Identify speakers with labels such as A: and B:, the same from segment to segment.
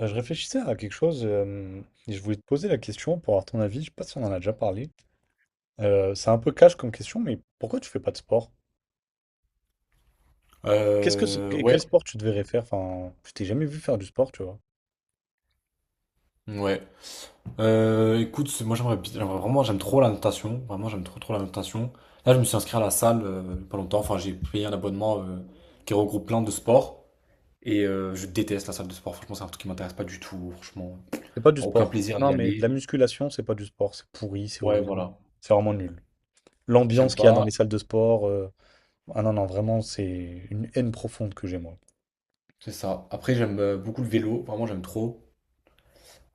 A: Je réfléchissais à quelque chose et je voulais te poser la question pour avoir ton avis. Je sais pas si on en a déjà parlé. C'est un peu cash comme question, mais pourquoi tu fais pas de sport? Qu'est-ce que
B: Euh,
A: quel
B: ouais,
A: sport tu devrais faire? Enfin, je t'ai jamais vu faire du sport, tu vois.
B: ouais. Écoute, moi j'aimerais, j'aimerais vraiment, j'aime trop la natation. Vraiment, j'aime trop trop la natation. Là, je me suis inscrit à la salle pas longtemps. Enfin, j'ai payé un abonnement qui regroupe plein de sports. Et je déteste la salle de sport. Franchement, c'est un truc qui m'intéresse pas du tout. Franchement,
A: C'est pas du
B: enfin, aucun
A: sport.
B: plaisir à y
A: Non, mais de la
B: aller.
A: musculation, c'est pas du sport. C'est pourri, c'est
B: Ouais,
A: horrible.
B: voilà.
A: C'est vraiment nul. L'ambiance
B: J'aime
A: qu'il y a dans
B: pas.
A: les salles de sport. Ah non, non, vraiment, c'est une haine profonde que j'ai, moi.
B: C'est ça. Après, j'aime beaucoup le vélo. Vraiment, j'aime trop.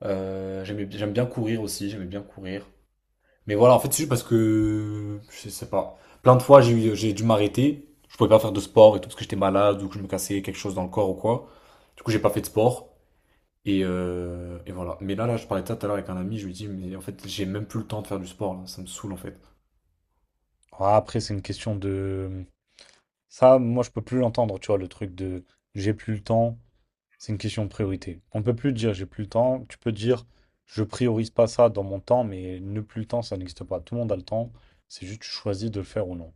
B: J'aime bien courir aussi. J'aimais bien courir. Mais voilà, en fait, c'est juste parce que, je sais pas, plein de fois, j'ai dû m'arrêter. Je pouvais pas faire de sport et tout, parce que j'étais malade ou que je me cassais quelque chose dans le corps ou quoi. Du coup, j'ai pas fait de sport. Et voilà. Mais là, je parlais de ça tout à l'heure avec un ami, je lui dis, mais en fait, j'ai même plus le temps de faire du sport, là. Ça me saoule, en fait.
A: Ah, après, c'est une question de... Ça, moi, je peux plus l'entendre, tu vois, le truc de j'ai plus le temps, c'est une question de priorité. On ne peut plus dire j'ai plus le temps, tu peux dire je priorise pas ça dans mon temps, mais ne plus le temps, ça n'existe pas. Tout le monde a le temps, c'est juste tu choisis de le faire ou non.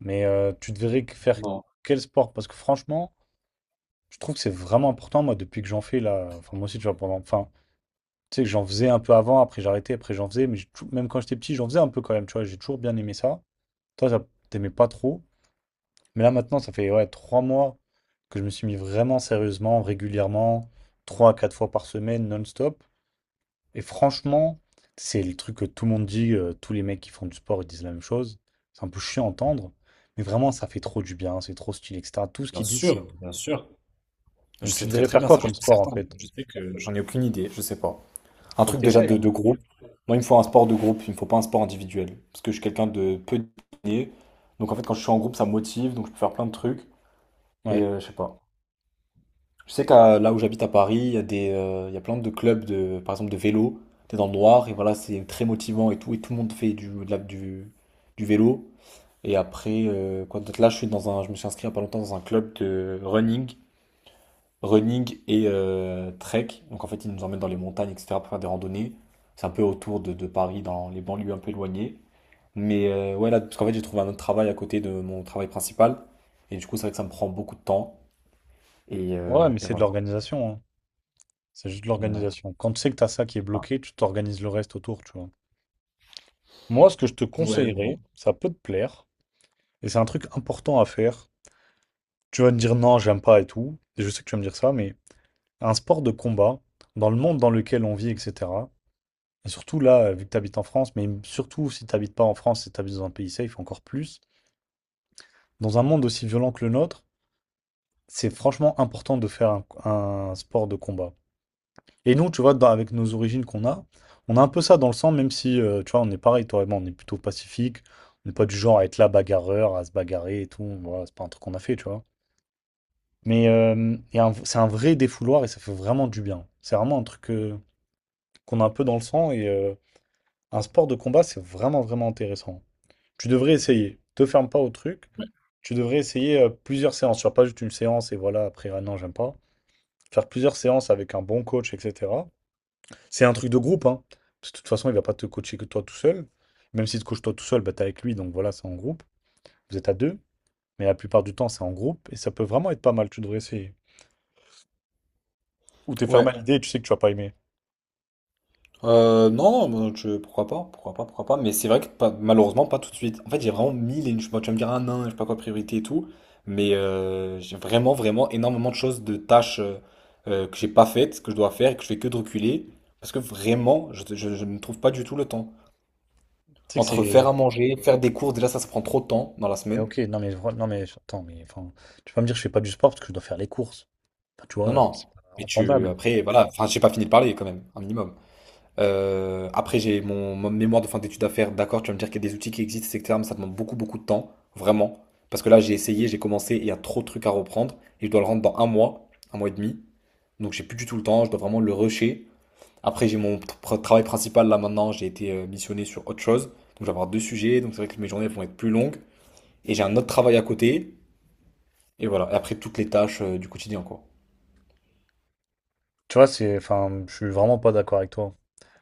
A: Mais tu devrais faire
B: Non.
A: quel sport? Parce que franchement, je trouve que c'est vraiment important, moi, depuis que j'en fais là, enfin, moi aussi, tu vois, pendant... Enfin, tu sais que j'en faisais un peu avant, après j'arrêtais, après j'en faisais, mais même quand j'étais petit, j'en faisais un peu quand même, tu vois, j'ai toujours bien aimé ça. Toi, t'aimais pas trop. Mais là maintenant, ça fait ouais, 3 mois que je me suis mis vraiment sérieusement, régulièrement, 3 à 4 fois par semaine, non-stop. Et franchement, c'est le truc que tout le monde dit, tous les mecs qui font du sport, ils disent la même chose. C'est un peu chiant à entendre, mais vraiment, ça fait trop du bien, c'est trop stylé, etc. Tout ce
B: Bien
A: qu'ils disent, c'est...
B: sûr, bien sûr. Je
A: Donc
B: sais
A: tu
B: très
A: devrais
B: très
A: faire
B: bien,
A: quoi
B: ça, je
A: comme
B: suis
A: sport en
B: certain.
A: fait?
B: Je sais que j'en ai aucune idée, je sais pas. Un
A: Faut que
B: truc
A: tu
B: déjà
A: essayes.
B: de groupe. Moi, il me faut un sport de groupe, il me faut pas un sport individuel. Parce que je suis quelqu'un de peu discipliné. Donc, en fait, quand je suis en groupe, ça me motive, donc je peux faire plein de trucs. Et
A: Ouais.
B: je sais pas. Je sais qu'à là où j'habite à Paris, il y a il y a plein de clubs de, par exemple, de vélo. T'es dans le noir et voilà, c'est très motivant et tout. Et tout le monde fait du, de la- du vélo. Et après, quoi d'autre? Là, je me suis inscrit il y a pas longtemps dans un club de running, running et trek. Donc en fait, ils nous emmènent dans les montagnes, etc. pour faire des randonnées. C'est un peu autour de Paris, dans les banlieues un peu éloignées. Mais ouais, là, parce qu'en fait, j'ai trouvé un autre travail à côté de mon travail principal. Et du coup, c'est vrai que ça me prend beaucoup de temps.
A: Ouais, mais
B: Et
A: c'est de
B: voilà.
A: l'organisation, hein. C'est juste de
B: Ouais.
A: l'organisation. Quand tu sais que tu as ça qui est
B: Enfin,
A: bloqué, tu t'organises le reste autour, tu vois. Moi, ce que je te
B: ouais, mais bon.
A: conseillerais, ça peut te plaire, et c'est un truc important à faire, tu vas me dire non, j'aime pas et tout. Et je sais que tu vas me dire ça, mais un sport de combat, dans le monde dans lequel on vit, etc. Et surtout là, vu que tu habites en France, mais surtout si tu n'habites pas en France, si tu habites dans un pays safe, encore plus, dans un monde aussi violent que le nôtre, c'est franchement important de faire un sport de combat. Et nous, tu vois, avec nos origines qu'on a, on a un peu ça dans le sang, même si, tu vois, on est pareil, toi et moi, on est plutôt pacifique, on n'est pas du genre à être là bagarreur, à se bagarrer et tout. Voilà, c'est pas un truc qu'on a fait, tu vois. C'est un vrai défouloir et ça fait vraiment du bien. C'est vraiment un truc qu'on a un peu dans le sang et un sport de combat, c'est vraiment, vraiment intéressant. Tu devrais essayer. Te ferme pas au truc. Tu devrais essayer plusieurs séances. Tu vas pas juste une séance et voilà, après, ah non, j'aime pas. Faire plusieurs séances avec un bon coach, etc. C'est un truc de groupe, hein. Parce que de toute façon, il va pas te coacher que toi tout seul. Même si tu te coaches toi tout seul, bah, t'es avec lui, donc voilà, c'est en groupe. Vous êtes à deux. Mais la plupart du temps, c'est en groupe et ça peut vraiment être pas mal. Tu devrais essayer. Ou t'es fermé
B: Ouais.
A: à l'idée et tu sais que tu vas pas aimer.
B: Non, pourquoi pas, pourquoi pas, pourquoi pas. Mais c'est vrai que malheureusement, pas tout de suite. En fait, j'ai vraiment mille et une… bon, tu vas me dire un nain, je sais pas quoi, priorité et tout. Mais j'ai vraiment, vraiment énormément de choses, de tâches que j'ai pas faites, que je dois faire et que je fais que de reculer. Parce que vraiment, je ne trouve pas du tout le temps.
A: Tu sais que
B: Entre faire à
A: c'est.
B: manger, faire des cours, déjà ça, ça prend trop de temps dans la
A: Mais
B: semaine.
A: ok, non mais attends, mais enfin, tu vas pas me dire que je fais pas du sport parce que je dois faire les courses. Enfin, tu vois,
B: Non, non.
A: c'est pas
B: Mais tu,
A: entendable.
B: après, voilà, enfin, j'ai pas fini de parler quand même, un minimum. Après, j'ai mon mémoire de fin d'études à faire. D'accord, tu vas me dire qu'il y a des outils qui existent, etc. Mais ça demande beaucoup, beaucoup de temps, vraiment. Parce que là, j'ai essayé, j'ai commencé, et il y a trop de trucs à reprendre. Et je dois le rendre dans un mois et demi. Donc, j'ai plus du tout le temps, je dois vraiment le rusher. Après, j'ai mon travail principal là maintenant, j'ai été missionné sur autre chose. Donc, je vais avoir deux sujets. Donc, c'est vrai que mes journées vont être plus longues. Et j'ai un autre travail à côté. Et voilà. Et après, toutes les tâches du quotidien, quoi.
A: Tu vois, c'est. Enfin, je suis vraiment pas d'accord avec toi.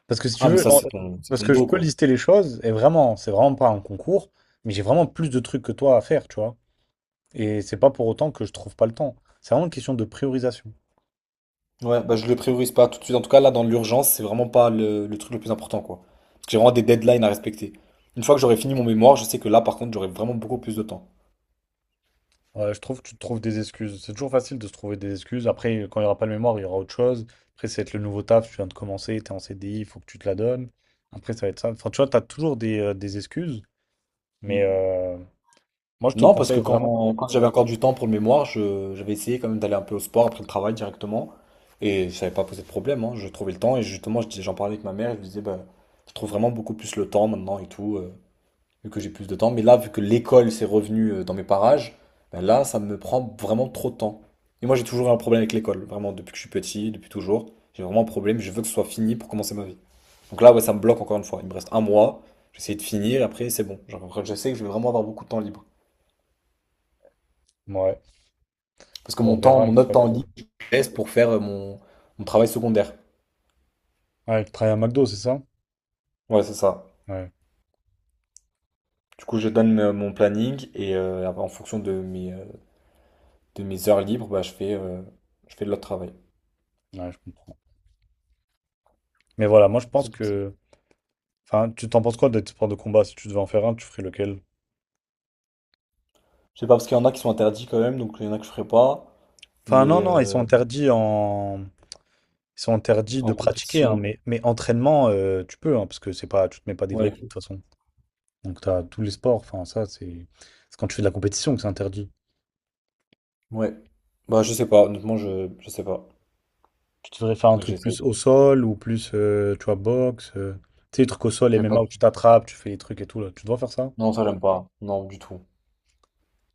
A: Parce que si tu
B: Ah, mais
A: veux,
B: ça, c'est c'est
A: parce
B: ton
A: que je
B: dos,
A: peux
B: quoi.
A: lister les choses, et vraiment, c'est vraiment pas un concours, mais j'ai vraiment plus de trucs que toi à faire, tu vois. Et c'est pas pour autant que je trouve pas le temps. C'est vraiment une question de priorisation.
B: Ouais, bah je le priorise pas tout de suite. En tout cas, là, dans l'urgence, c'est vraiment pas le truc le plus important, quoi. Parce que j'ai vraiment des deadlines à respecter. Une fois que j'aurai fini mon mémoire, je sais que là, par contre, j'aurai vraiment beaucoup plus de temps.
A: Ouais, je trouve que tu te trouves des excuses. C'est toujours facile de se trouver des excuses. Après, quand il n'y aura pas le mémoire, il y aura autre chose. Après, ça va être le nouveau taf, tu viens de commencer, t'es en CDI, il faut que tu te la donnes. Après, ça va être ça. Enfin, tu vois, t'as toujours des excuses, mais
B: Mm.
A: moi, je te
B: Non, parce que
A: conseille vraiment.
B: quand j'avais encore du temps pour le mémoire, j'avais essayé quand même d'aller un peu au sport après le travail directement. Et ça n'avait pas posé de problème, hein. Je trouvais le temps. Et justement, j'en parlais avec ma mère. Je lui disais, bah, je trouve vraiment beaucoup plus le temps maintenant et tout. Vu que j'ai plus de temps. Mais là, vu que l'école s'est revenue dans mes parages, ben là, ça me prend vraiment trop de temps. Et moi, j'ai toujours un problème avec l'école, vraiment, depuis que je suis petit, depuis toujours. J'ai vraiment un problème, je veux que ce soit fini pour commencer ma vie. Donc là, ouais, ça me bloque encore une fois. Il me reste un mois, j'essaie de finir, et après, c'est bon. Genre, je sais que je vais vraiment avoir beaucoup de temps libre.
A: Ouais,
B: Parce que
A: bon,
B: mon
A: on
B: temps,
A: verra une
B: mon autre
A: fois
B: temps
A: que.
B: libre, je le laisse pour faire mon travail secondaire.
A: Ah, il travaille à McDo, c'est ça?
B: Ouais, c'est ça.
A: Ouais.
B: Du coup, je donne mon planning, et en fonction de de mes heures libres, bah, je fais de l'autre travail.
A: Ouais, je comprends. Mais voilà, moi je pense
B: C'est
A: que. Enfin, tu t'en penses quoi des sports de combat? Si tu devais en faire un, tu ferais lequel?
B: je sais pas, parce qu'il y en a qui sont interdits quand même, donc il y en a que je ferai pas.
A: Enfin,
B: Mais
A: non, non, ils sont interdits en. Ils sont interdits de
B: en
A: pratiquer, hein,
B: compétition,
A: mais entraînement, tu peux, hein, parce que c'est pas, tu te mets pas des vrais coups
B: ouais,
A: de toute façon. Donc, tu as tous les sports, enfin, ça, c'est quand tu fais de la compétition que c'est interdit.
B: ouais. Bah, je sais pas, honnêtement, je sais pas.
A: Tu devrais faire un
B: Donc
A: truc
B: j'essaye.
A: plus au sol ou plus, tu vois, boxe. Tu sais, les trucs au sol,
B: J'ai pas
A: MMA où
B: du
A: tu
B: tout.
A: t'attrapes, tu fais les trucs et tout, là. Tu dois faire ça.
B: Non, ça, j'aime pas. Non, du tout.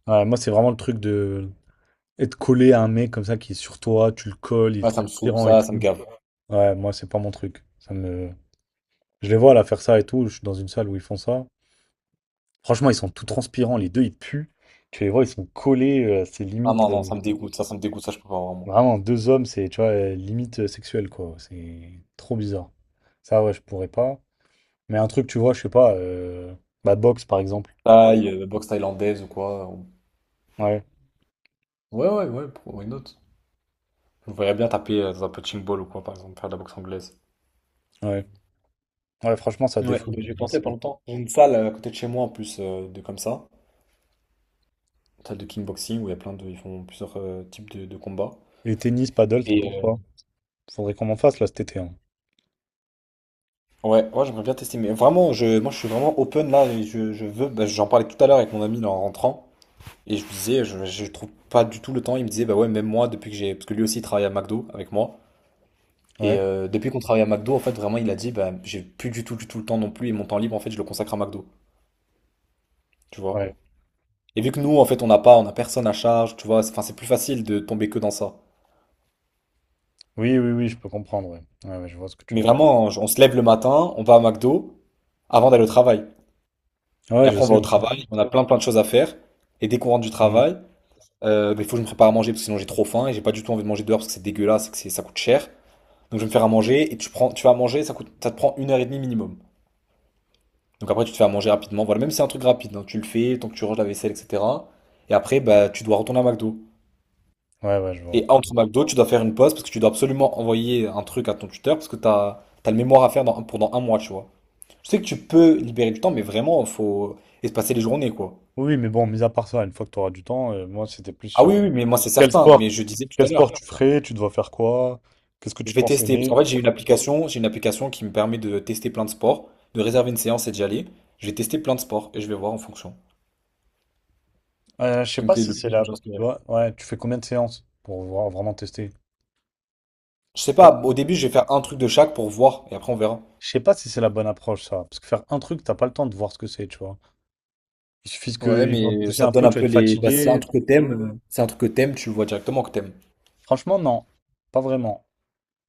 A: Ouais, moi, c'est vraiment le truc de être collé à un mec comme ça qui est sur toi, tu le colles, il est
B: Ouais, ça me saoule,
A: transpirant et tout.
B: ça me gave.
A: Ouais, moi, c'est pas mon truc. Ça me... Je les vois là faire ça et tout. Je suis dans une salle où ils font ça. Franchement, ils sont tout transpirants. Les deux, ils puent. Tu les vois, ils sont collés. C'est
B: Ah
A: limite.
B: non, non, ça me dégoûte, ça me dégoûte, ça, je peux pas vraiment.
A: Vraiment, deux hommes, c'est, tu vois, limite sexuel, quoi. C'est trop bizarre. Ça, ouais, je pourrais pas. Mais un truc, tu vois, je sais pas, bah, boxe par exemple.
B: Thaï, boxe thaïlandaise ou quoi.
A: Ouais,
B: Ouais, ouais, ouais, pour une autre. Je me verrais bien taper dans un punching ball ou quoi, par exemple, faire de la boxe anglaise.
A: ouais. Ouais, franchement, ça
B: Ouais, bah,
A: défoule.
B: j'ai
A: Moi,
B: tenté il y
A: ça-
B: a pas longtemps. J'ai une salle à côté de chez moi en plus de comme ça, une salle de kickboxing où il y a plein de, ils font plusieurs types de combats.
A: Et tennis, paddle, t'en penses
B: Et
A: quoi? Faudrait qu'on en fasse là cet été. Hein.
B: ouais, ouais, j'aimerais bien tester. Mais vraiment, moi, je suis vraiment open là. Et je veux. Bah, j'en parlais tout à l'heure avec mon ami là, en rentrant. Et je lui disais, je trouve pas du tout le temps. Il me disait, bah ouais, même moi, depuis que j'ai. Parce que lui aussi, il travaille à McDo avec moi. Et
A: Ouais,
B: depuis qu'on travaille à McDo, en fait, vraiment, il a dit, bah, j'ai plus du tout le temps non plus. Et mon temps libre, en fait, je le consacre à McDo. Tu vois?
A: ouais.
B: Et vu que nous, en fait, on n'a pas, on a personne à charge. Tu vois? Enfin, c'est plus facile de tomber que dans ça.
A: Oui, oui, oui, je peux comprendre. Ouais, ouais, ouais, je vois ce que tu
B: Mais
A: veux dire.
B: vraiment, on se lève le matin, on va à McDo avant d'aller au travail. Et
A: Ouais, je
B: après, on va
A: sais,
B: au
A: je sais.
B: travail, on a plein plein de choses à faire. Et dès qu'on rentre du
A: Mm.
B: travail, mais il faut que je me prépare à manger parce que sinon j'ai trop faim et j'ai pas du tout envie de manger dehors parce que c'est dégueulasse et que ça coûte cher. Donc je vais me faire à manger et tu prends, tu vas manger, ça coûte, ça te prend 1 heure et demie minimum. Donc après tu te fais à manger rapidement. Voilà, même si c'est un truc rapide, hein, tu le fais, tant que tu ranges la vaisselle, etc. Et après, bah, tu dois retourner à McDo.
A: Ouais, ouais, je vois.
B: Et entre McDo, tu dois faire une pause parce que tu dois absolument envoyer un truc à ton tuteur parce que t'as le mémoire à faire pendant un mois, tu vois. Je sais que tu peux libérer du temps, mais vraiment, faut espacer les journées, quoi.
A: Oui, mais bon, mis à part ça, une fois que tu auras du temps, moi, c'était plus
B: Ah oui,
A: sur
B: oui, mais moi c'est
A: quel
B: certain, mais
A: sport,
B: je disais tout
A: quel
B: à l'heure.
A: sport tu ferais, tu dois faire quoi, qu'est-ce que tu
B: Je vais
A: penses
B: tester, parce
A: aimer.
B: qu'en fait j'ai une application qui me permet de tester plein de sports, de réserver une séance et d'y aller. Je vais tester plein de sports et je vais voir en fonction.
A: Je
B: Ce
A: sais
B: qui me
A: pas
B: plaît
A: si
B: le
A: c'est
B: plus, je
A: là.
B: t'inscrirai.
A: Ouais, ouais, tu fais combien de séances pour vraiment tester?
B: Je sais pas, au début je vais faire un truc de chaque pour voir et après on verra.
A: Je sais pas si c'est la bonne approche, ça. Parce que faire un truc, t'as pas le temps de voir ce que c'est, tu vois. Il suffit
B: Ouais,
A: qu'ils vont te
B: mais
A: pousser
B: ça
A: un
B: te donne
A: peu,
B: un
A: tu vas
B: peu
A: être
B: les. Bah, c'est un
A: fatigué.
B: truc que t'aimes, tu le vois directement que t'aimes.
A: Franchement, non. Pas vraiment.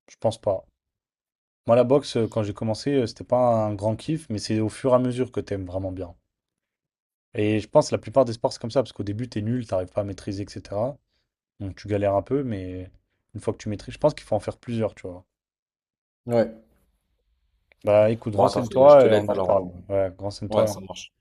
A: Je pense pas. Moi, la boxe, quand j'ai commencé, c'était pas un grand kiff, mais c'est au fur et à mesure que t'aimes vraiment bien. Et je pense que la plupart des sports, c'est comme ça, parce qu'au début, t'es nul, t'arrives pas à maîtriser, etc. Donc tu galères un peu, mais une fois que tu maîtrises, je pense qu'il faut en faire plusieurs, tu vois.
B: Ouais.
A: Bah écoute,
B: Bon, attends, je
A: renseigne-toi
B: te
A: et on
B: laisse
A: en
B: alors.
A: reparle. Ouais, renseigne-toi
B: Ouais,
A: et on
B: ça marche.